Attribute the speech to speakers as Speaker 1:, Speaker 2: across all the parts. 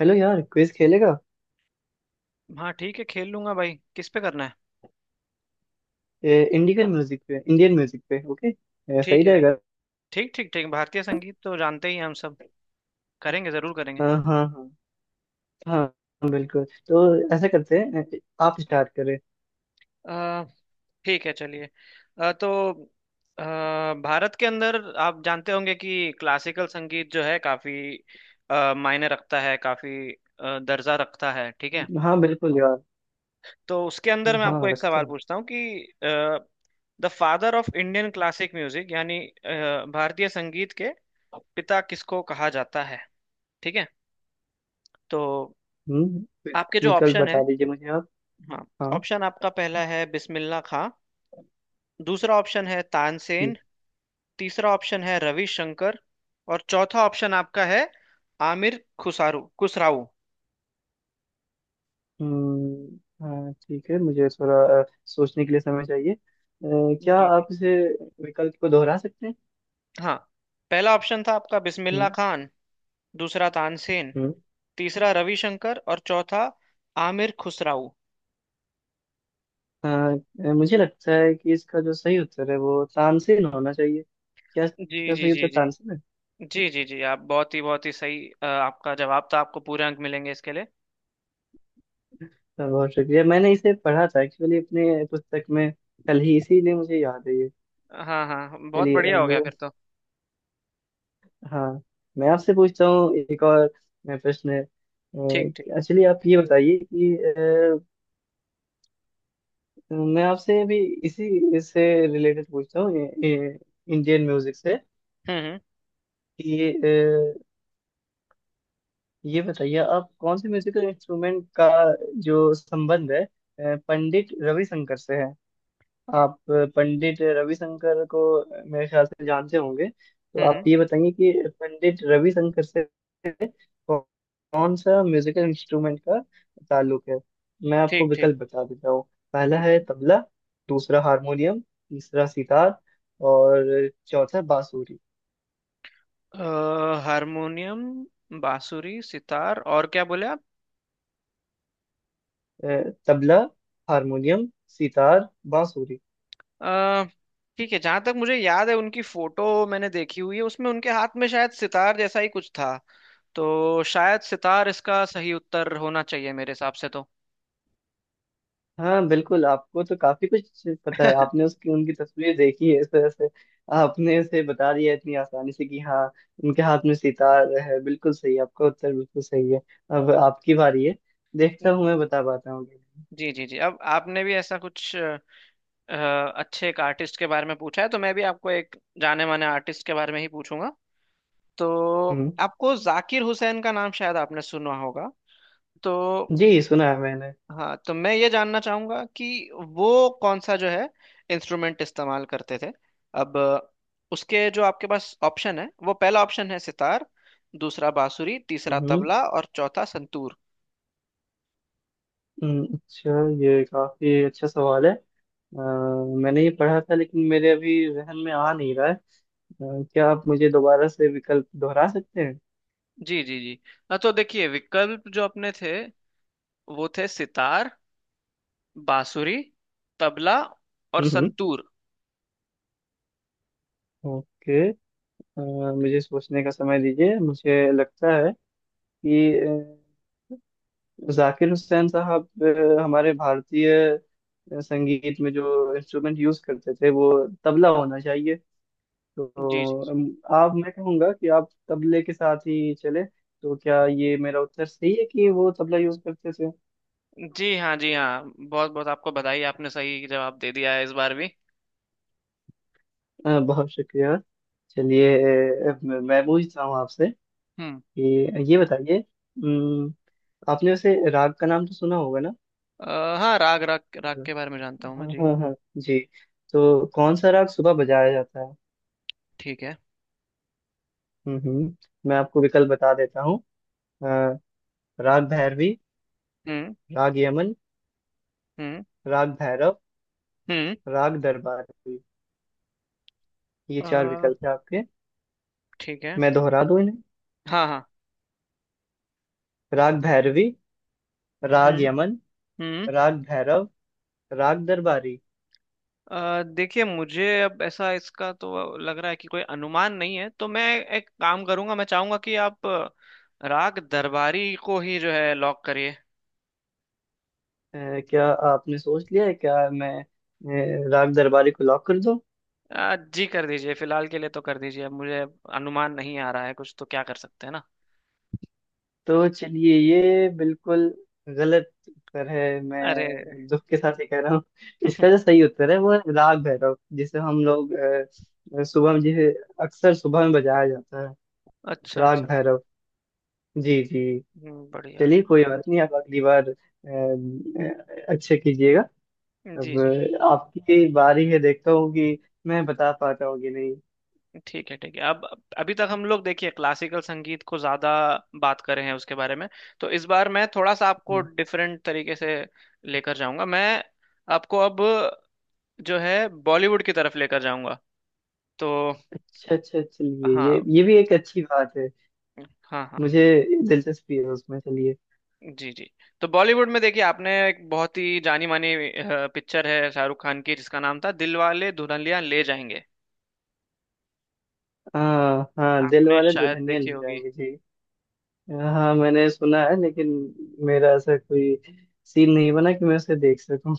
Speaker 1: Hello यार, quiz खेलेगा?
Speaker 2: हाँ, ठीक है। खेल लूंगा भाई, किस पे करना है?
Speaker 1: इंडियन म्यूजिक पे, इंडियन म्यूजिक पे। ओके। सही
Speaker 2: ठीक है।
Speaker 1: रहेगा।
Speaker 2: ठीक ठीक ठीक भारतीय संगीत तो जानते ही हैं हम सब। करेंगे, जरूर करेंगे।
Speaker 1: हाँ हाँ। हाँ बिल्कुल। तो ऐसा करते हैं, आप स्टार्ट करें।
Speaker 2: अ, ठीक है, चलिए। अ, तो अ, भारत के अंदर आप जानते होंगे कि क्लासिकल संगीत जो है काफी मायने रखता है, काफी दर्जा रखता है। ठीक है,
Speaker 1: हाँ बिल्कुल यार।
Speaker 2: तो उसके अंदर मैं
Speaker 1: हाँ
Speaker 2: आपको एक
Speaker 1: रखते
Speaker 2: सवाल
Speaker 1: हैं।
Speaker 2: पूछता हूँ कि the father of Indian classic music यानी भारतीय संगीत के पिता किसको कहा जाता है? ठीक है। तो
Speaker 1: हम्म।
Speaker 2: आपके जो
Speaker 1: विकल्प
Speaker 2: ऑप्शन है।
Speaker 1: बता दीजिए मुझे आप।
Speaker 2: हाँ,
Speaker 1: हाँ।
Speaker 2: ऑप्शन आपका पहला है बिस्मिल्लाह खां। दूसरा ऑप्शन है तानसेन।
Speaker 1: ठीक।
Speaker 2: तीसरा ऑप्शन है रविशंकर। और चौथा ऑप्शन आपका है आमिर खुसारू खुसराऊ।
Speaker 1: हम्म। हाँ ठीक है, मुझे थोड़ा सोचने के लिए समय चाहिए। क्या
Speaker 2: जी जी।
Speaker 1: आप इसे विकल्प को दोहरा सकते हैं?
Speaker 2: हाँ, पहला ऑप्शन था आपका बिस्मिल्लाह
Speaker 1: हम्म
Speaker 2: खान। दूसरा तानसेन।
Speaker 1: हम्म।
Speaker 2: तीसरा रविशंकर और चौथा आमिर खुसराऊ।
Speaker 1: हाँ, मुझे लगता है कि इसका जो सही उत्तर है वो तानसेन होना चाहिए। क्या
Speaker 2: जी
Speaker 1: इसका
Speaker 2: जी
Speaker 1: सही
Speaker 2: जी
Speaker 1: उत्तर तानसेन
Speaker 2: जी।
Speaker 1: है?
Speaker 2: जी जी जी, आप बहुत ही सही आपका जवाब था। आपको पूरे अंक मिलेंगे इसके लिए।
Speaker 1: तो बहुत शुक्रिया। मैंने इसे पढ़ा था एक्चुअली अपने पुस्तक में कल ही, इसीलिए मुझे याद है ये।
Speaker 2: हाँ हाँ हाँ, बहुत
Speaker 1: चलिए
Speaker 2: बढ़िया हो गया फिर
Speaker 1: अब।
Speaker 2: तो।
Speaker 1: हाँ, मैं आपसे पूछता हूँ एक और प्रश्न है।
Speaker 2: ठीक ठीक।
Speaker 1: एक्चुअली आप ये बताइए कि मैं आपसे अभी इसी इससे रिलेटेड पूछता हूँ, इंडियन म्यूजिक से।
Speaker 2: हम्म। हम्म।
Speaker 1: कि ये बताइए, आप कौन से म्यूजिकल इंस्ट्रूमेंट का जो संबंध है पंडित रविशंकर से है। आप पंडित रविशंकर को मेरे ख्याल से जानते होंगे, तो
Speaker 2: हम्म।
Speaker 1: आप ये बताइए कि पंडित रविशंकर से कौ- कौन सा म्यूजिकल इंस्ट्रूमेंट का ताल्लुक है। मैं आपको
Speaker 2: ठीक।
Speaker 1: विकल्प बता देता हूँ। पहला
Speaker 2: हम्म।
Speaker 1: है तबला। दूसरा हारमोनियम। तीसरा सितार। और चौथा बांसुरी।
Speaker 2: अ, हारमोनियम, बांसुरी, सितार और क्या बोले आप?
Speaker 1: अ, तबला, हारमोनियम, सितार, बांसुरी।
Speaker 2: अ, ठीक है, जहां तक मुझे याद है उनकी फोटो मैंने देखी हुई है, उसमें उनके हाथ में शायद सितार जैसा ही कुछ था। तो शायद सितार इसका सही उत्तर होना चाहिए मेरे हिसाब से तो।
Speaker 1: हाँ बिल्कुल, आपको तो काफी कुछ पता है। आपने उसकी उनकी तस्वीर देखी है, इस वजह से आपने उसे बता दिया इतनी आसानी से कि हाँ, उनके हाथ में सितार है। बिल्कुल सही आपका उत्तर, बिल्कुल सही है। अब आपकी बारी है। देखता हूँ मैं बता पाता हूँ कि नहीं।
Speaker 2: जी जी जी, अब आपने भी ऐसा कुछ अच्छे एक आर्टिस्ट के बारे में पूछा है, तो मैं भी आपको एक जाने माने आर्टिस्ट के बारे में ही पूछूंगा। तो
Speaker 1: हम्म।
Speaker 2: आपको जाकिर हुसैन का नाम शायद आपने सुना होगा। तो
Speaker 1: जी, सुना है मैंने।
Speaker 2: हाँ, तो मैं ये जानना चाहूंगा कि वो कौन सा जो है इंस्ट्रूमेंट इस्तेमाल करते थे। अब उसके जो आपके पास ऑप्शन है, वो पहला ऑप्शन है सितार। दूसरा बांसुरी, तीसरा
Speaker 1: हम्म
Speaker 2: तबला और चौथा संतूर।
Speaker 1: अच्छा। ये काफी अच्छा सवाल है। अ, मैंने ये पढ़ा था लेकिन मेरे अभी जहन में आ नहीं रहा है। क्या आप मुझे दोबारा से विकल्प दोहरा सकते हैं?
Speaker 2: जी जी जी। हाँ, तो देखिए विकल्प जो अपने थे वो थे सितार, बांसुरी, तबला और
Speaker 1: हम्म हम्म,
Speaker 2: संतूर।
Speaker 1: ओके। मुझे सोचने का समय दीजिए। मुझे लगता है कि जाकिर हुसैन साहब हमारे भारतीय संगीत में जो इंस्ट्रूमेंट यूज करते थे वो तबला होना चाहिए। तो
Speaker 2: जी जी
Speaker 1: आप, मैं कहूँगा कि आप तबले के साथ ही चले, तो क्या ये मेरा उत्तर सही है कि वो तबला यूज करते थे?
Speaker 2: जी हाँ, जी हाँ, बहुत बहुत आपको बधाई, आपने सही जवाब दे दिया है इस बार भी।
Speaker 1: बहुत शुक्रिया। चलिए, मैं पूछता हूँ आपसे
Speaker 2: हम्म।
Speaker 1: कि ये बताइए, आपने वैसे राग का नाम तो सुना होगा
Speaker 2: हाँ, राग राग राग
Speaker 1: ना?
Speaker 2: के बारे में जानता हूँ मैं
Speaker 1: हाँ
Speaker 2: जी।
Speaker 1: हाँ हाँ जी। तो कौन सा राग सुबह बजाया जाता है?
Speaker 2: ठीक है।
Speaker 1: हम्म हम्म, मैं आपको विकल्प बता देता हूँ। अ, राग भैरवी,
Speaker 2: हम्म।
Speaker 1: राग यमन,
Speaker 2: हम्म।
Speaker 1: राग भैरव,
Speaker 2: हम्म।
Speaker 1: राग दरबारी। ये चार
Speaker 2: आ,
Speaker 1: विकल्प है आपके।
Speaker 2: ठीक है।
Speaker 1: मैं दोहरा दूं इन्हें।
Speaker 2: हाँ हाँ।
Speaker 1: राग भैरवी, राग
Speaker 2: हम्म।
Speaker 1: यमन,
Speaker 2: हम्म।
Speaker 1: राग भैरव, राग दरबारी।
Speaker 2: आ, देखिए मुझे अब ऐसा इसका तो लग रहा है कि कोई अनुमान नहीं है, तो मैं एक काम करूंगा, मैं चाहूंगा कि आप राग दरबारी को ही जो है लॉक करिए।
Speaker 1: अ, क्या आपने सोच लिया है? क्या मैं राग दरबारी को लॉक कर...
Speaker 2: आ, जी, कर दीजिए फिलहाल के लिए तो कर दीजिए, अब मुझे अनुमान नहीं आ रहा है कुछ, तो क्या कर सकते हैं ना।
Speaker 1: तो चलिए, ये बिल्कुल गलत उत्तर है।
Speaker 2: अरे।
Speaker 1: मैं दुख के साथ ही कह रहा हूँ। इसका जो सही उत्तर है वो है राग भैरव, जिसे हम लोग सुबह में, जिसे अक्सर सुबह में बजाया जाता है।
Speaker 2: अच्छा
Speaker 1: राग
Speaker 2: अच्छा।
Speaker 1: भैरव। जी जी।
Speaker 2: बढ़िया।
Speaker 1: चलिए कोई बात नहीं, आप अगली बार अच्छे कीजिएगा।
Speaker 2: जी
Speaker 1: अब
Speaker 2: जी।
Speaker 1: आपकी बारी है, देखता हूँ कि मैं बता पाता हूँ कि नहीं।
Speaker 2: ठीक है, अब अभी तक हम लोग देखिए क्लासिकल संगीत को ज्यादा बात कर रहे हैं उसके बारे में। तो इस बार मैं थोड़ा सा आपको
Speaker 1: हम्म,
Speaker 2: डिफरेंट तरीके से लेकर जाऊंगा। मैं आपको अब जो है बॉलीवुड की तरफ लेकर जाऊंगा। तो
Speaker 1: अच्छा अच्छा चलिए,
Speaker 2: हाँ
Speaker 1: ये भी एक अच्छी बात है।
Speaker 2: हाँ हाँ।
Speaker 1: मुझे दिलचस्पी है उसमें, चलिए।
Speaker 2: जी जी, तो बॉलीवुड में देखिए आपने एक बहुत ही जानी मानी पिक्चर है शाहरुख खान की, जिसका नाम था दिलवाले दुल्हनिया ले जाएंगे।
Speaker 1: हाँ हाँ, दिल
Speaker 2: आपने
Speaker 1: वाले
Speaker 2: शायद
Speaker 1: दुल्हनिया ले
Speaker 2: देखी होगी।
Speaker 1: जाएंगे जी। हाँ, मैंने सुना है लेकिन मेरा ऐसा कोई सीन नहीं बना कि मैं उसे देख सकूं।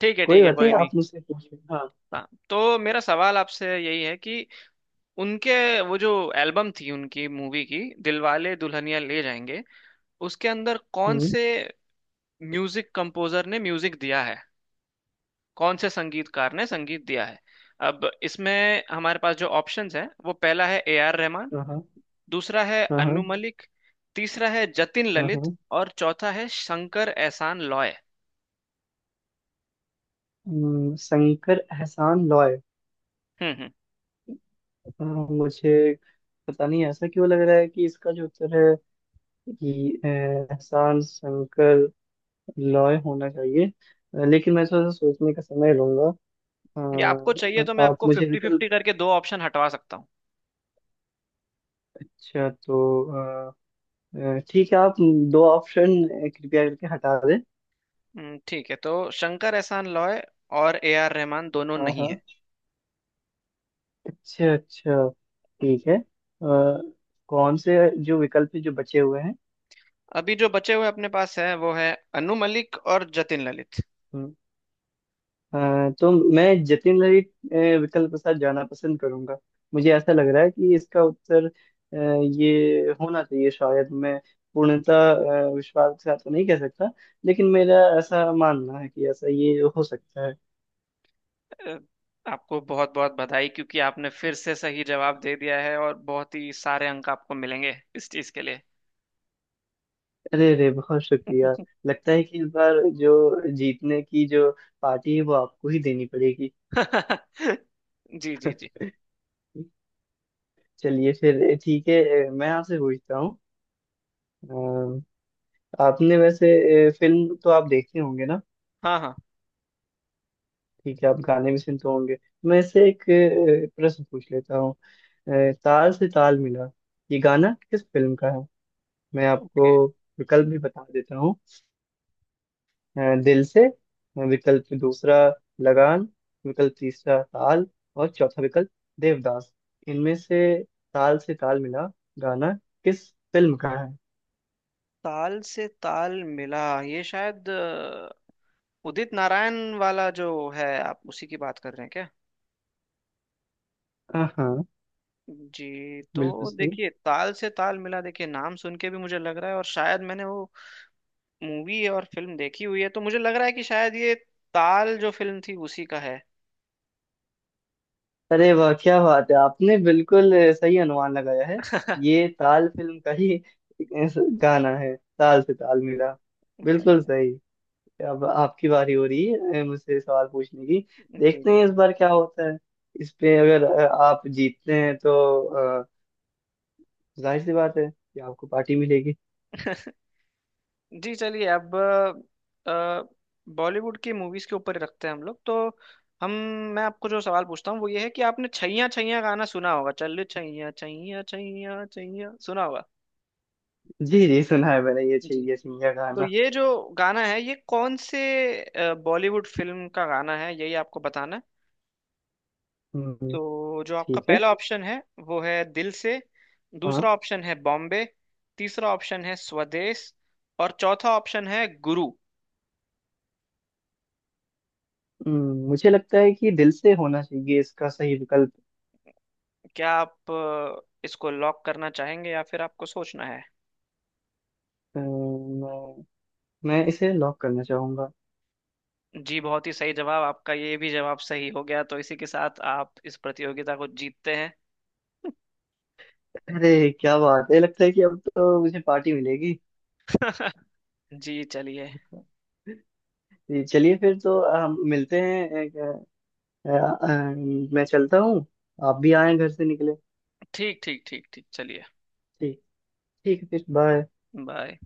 Speaker 2: ठीक है
Speaker 1: कोई
Speaker 2: ठीक है
Speaker 1: बात
Speaker 2: कोई
Speaker 1: नहीं,
Speaker 2: नहीं।
Speaker 1: आप मुझसे पूछिए। हाँ।
Speaker 2: हाँ, तो मेरा सवाल आपसे यही है कि उनके वो जो एल्बम थी उनकी मूवी की दिलवाले दुल्हनिया ले जाएंगे, उसके अंदर कौन
Speaker 1: हम्म।
Speaker 2: से म्यूजिक कंपोजर ने म्यूजिक दिया है, कौन से संगीतकार ने संगीत दिया है? अब इसमें हमारे पास जो ऑप्शंस हैं, वो पहला है ए आर रहमान।
Speaker 1: हाँ हाँ
Speaker 2: दूसरा है अनु
Speaker 1: हाँ
Speaker 2: मलिक। तीसरा है जतिन
Speaker 1: हाँ
Speaker 2: ललित।
Speaker 1: हाँ।
Speaker 2: और चौथा है शंकर एहसान लॉय।
Speaker 1: शंकर एहसान लॉय।
Speaker 2: हम्म।
Speaker 1: मुझे पता नहीं ऐसा क्यों लग रहा है कि इसका जो उत्तर है कि एहसान शंकर लॉय होना चाहिए। लेकिन मैं थोड़ा सा सोचने का समय लूंगा।
Speaker 2: ये आपको
Speaker 1: अ,
Speaker 2: चाहिए तो मैं
Speaker 1: आप
Speaker 2: आपको
Speaker 1: मुझे
Speaker 2: फिफ्टी
Speaker 1: विकल्प...
Speaker 2: फिफ्टी करके दो ऑप्शन हटवा सकता हूँ।
Speaker 1: अच्छा, तो ठीक है, आप दो ऑप्शन कृपया करके हटा दें।
Speaker 2: ठीक है, तो शंकर एहसान लॉय और ए आर रहमान दोनों
Speaker 1: हाँ
Speaker 2: नहीं है।
Speaker 1: हाँ, अच्छा अच्छा, ठीक है। कौन से जो विकल्प है जो बचे हुए हैं?
Speaker 2: अभी जो बचे हुए अपने पास है वो है अनु मलिक और जतिन ललित।
Speaker 1: हम्म, तो मैं जतिन ललित विकल्प के साथ जाना पसंद करूंगा। मुझे ऐसा लग रहा है कि इसका उत्तर ये होना चाहिए। शायद मैं पूर्णतः विश्वास के साथ तो नहीं कह सकता लेकिन मेरा ऐसा मानना है कि ऐसा ये हो सकता है।
Speaker 2: अ, आपको बहुत बहुत बधाई, क्योंकि आपने फिर से सही जवाब दे दिया है और बहुत ही सारे अंक आपको मिलेंगे इस चीज के लिए।
Speaker 1: अरे अरे, बहुत शुक्रिया। लगता है कि इस बार जो जीतने की जो पार्टी है वो आपको ही देनी पड़ेगी।
Speaker 2: जी जी जी।
Speaker 1: चलिए फिर ठीक है। मैं आपसे पूछता हूँ। अ, आपने वैसे फिल्म तो आप देखते होंगे ना?
Speaker 2: हाँ हाँ।
Speaker 1: ठीक है, आप गाने भी सुनते होंगे। मैं इससे एक प्रश्न पूछ लेता हूँ। ताल से ताल मिला, ये गाना किस फिल्म का है? मैं
Speaker 2: ओके।
Speaker 1: आपको विकल्प भी बता देता हूँ। दिल से। विकल्प दूसरा लगान। विकल्प तीसरा ताल। और चौथा विकल्प देवदास। इनमें से ताल मिला गाना किस फिल्म का है?
Speaker 2: ताल से ताल मिला, ये शायद उदित नारायण वाला जो है, आप उसी की बात कर रहे हैं क्या?
Speaker 1: हाँ हाँ,
Speaker 2: जी, तो
Speaker 1: बिल्कुल सही।
Speaker 2: देखिए ताल से ताल मिला, देखिए नाम सुन के भी मुझे लग रहा है और शायद मैंने वो मूवी और फिल्म देखी हुई है, तो मुझे लग रहा है कि शायद ये ताल जो फिल्म थी उसी का है।
Speaker 1: अरे वाह क्या बात है, आपने बिल्कुल सही अनुमान लगाया है। ये ताल फिल्म का ही गाना है, ताल से ताल मिला। बिल्कुल
Speaker 2: बढ़िया।
Speaker 1: सही। अब आपकी बारी हो रही है मुझसे सवाल पूछने की।
Speaker 2: जी
Speaker 1: देखते
Speaker 2: जी।
Speaker 1: हैं इस बार क्या होता है। इस पे अगर आप जीतते हैं तो जाहिर सी बात है कि आपको पार्टी मिलेगी।
Speaker 2: जी, चलिए अब बॉलीवुड की मूवीज के ऊपर रखते हैं हम लोग, तो हम मैं आपको जो सवाल पूछता हूँ वो ये है कि आपने छैया छैया गाना सुना होगा, चल छैया छैया छैया छैया सुना होगा।
Speaker 1: जी जी, सुना है मैंने ये,
Speaker 2: जी,
Speaker 1: चाहिए सिंघिया
Speaker 2: तो
Speaker 1: गाना।
Speaker 2: ये जो गाना है ये कौन से बॉलीवुड फिल्म का गाना है, यही आपको बताना है।
Speaker 1: हम्म,
Speaker 2: तो जो आपका
Speaker 1: ठीक है।
Speaker 2: पहला ऑप्शन है वो है दिल से।
Speaker 1: हाँ।
Speaker 2: दूसरा ऑप्शन है बॉम्बे। तीसरा ऑप्शन है स्वदेश। और चौथा ऑप्शन है गुरु।
Speaker 1: मुझे लगता है कि दिल से होना चाहिए इसका सही विकल्प।
Speaker 2: क्या आप इसको लॉक करना चाहेंगे या फिर आपको सोचना है?
Speaker 1: अम्म, मैं मैं इसे लॉक करना चाहूंगा।
Speaker 2: जी, बहुत ही सही जवाब आपका, ये भी जवाब सही हो गया, तो इसी के साथ आप इस प्रतियोगिता को जीतते हैं।
Speaker 1: अरे क्या बात है, लगता है कि अब तो मुझे पार्टी मिलेगी।
Speaker 2: जी, चलिए।
Speaker 1: जी, चलिए फिर तो हम मिलते हैं। अ, अ, मैं चलता हूँ, आप भी आए, घर से निकले।
Speaker 2: ठीक ठीक ठीक ठीक चलिए।
Speaker 1: ठीक, ठीक है फिर। बाय।
Speaker 2: बाय।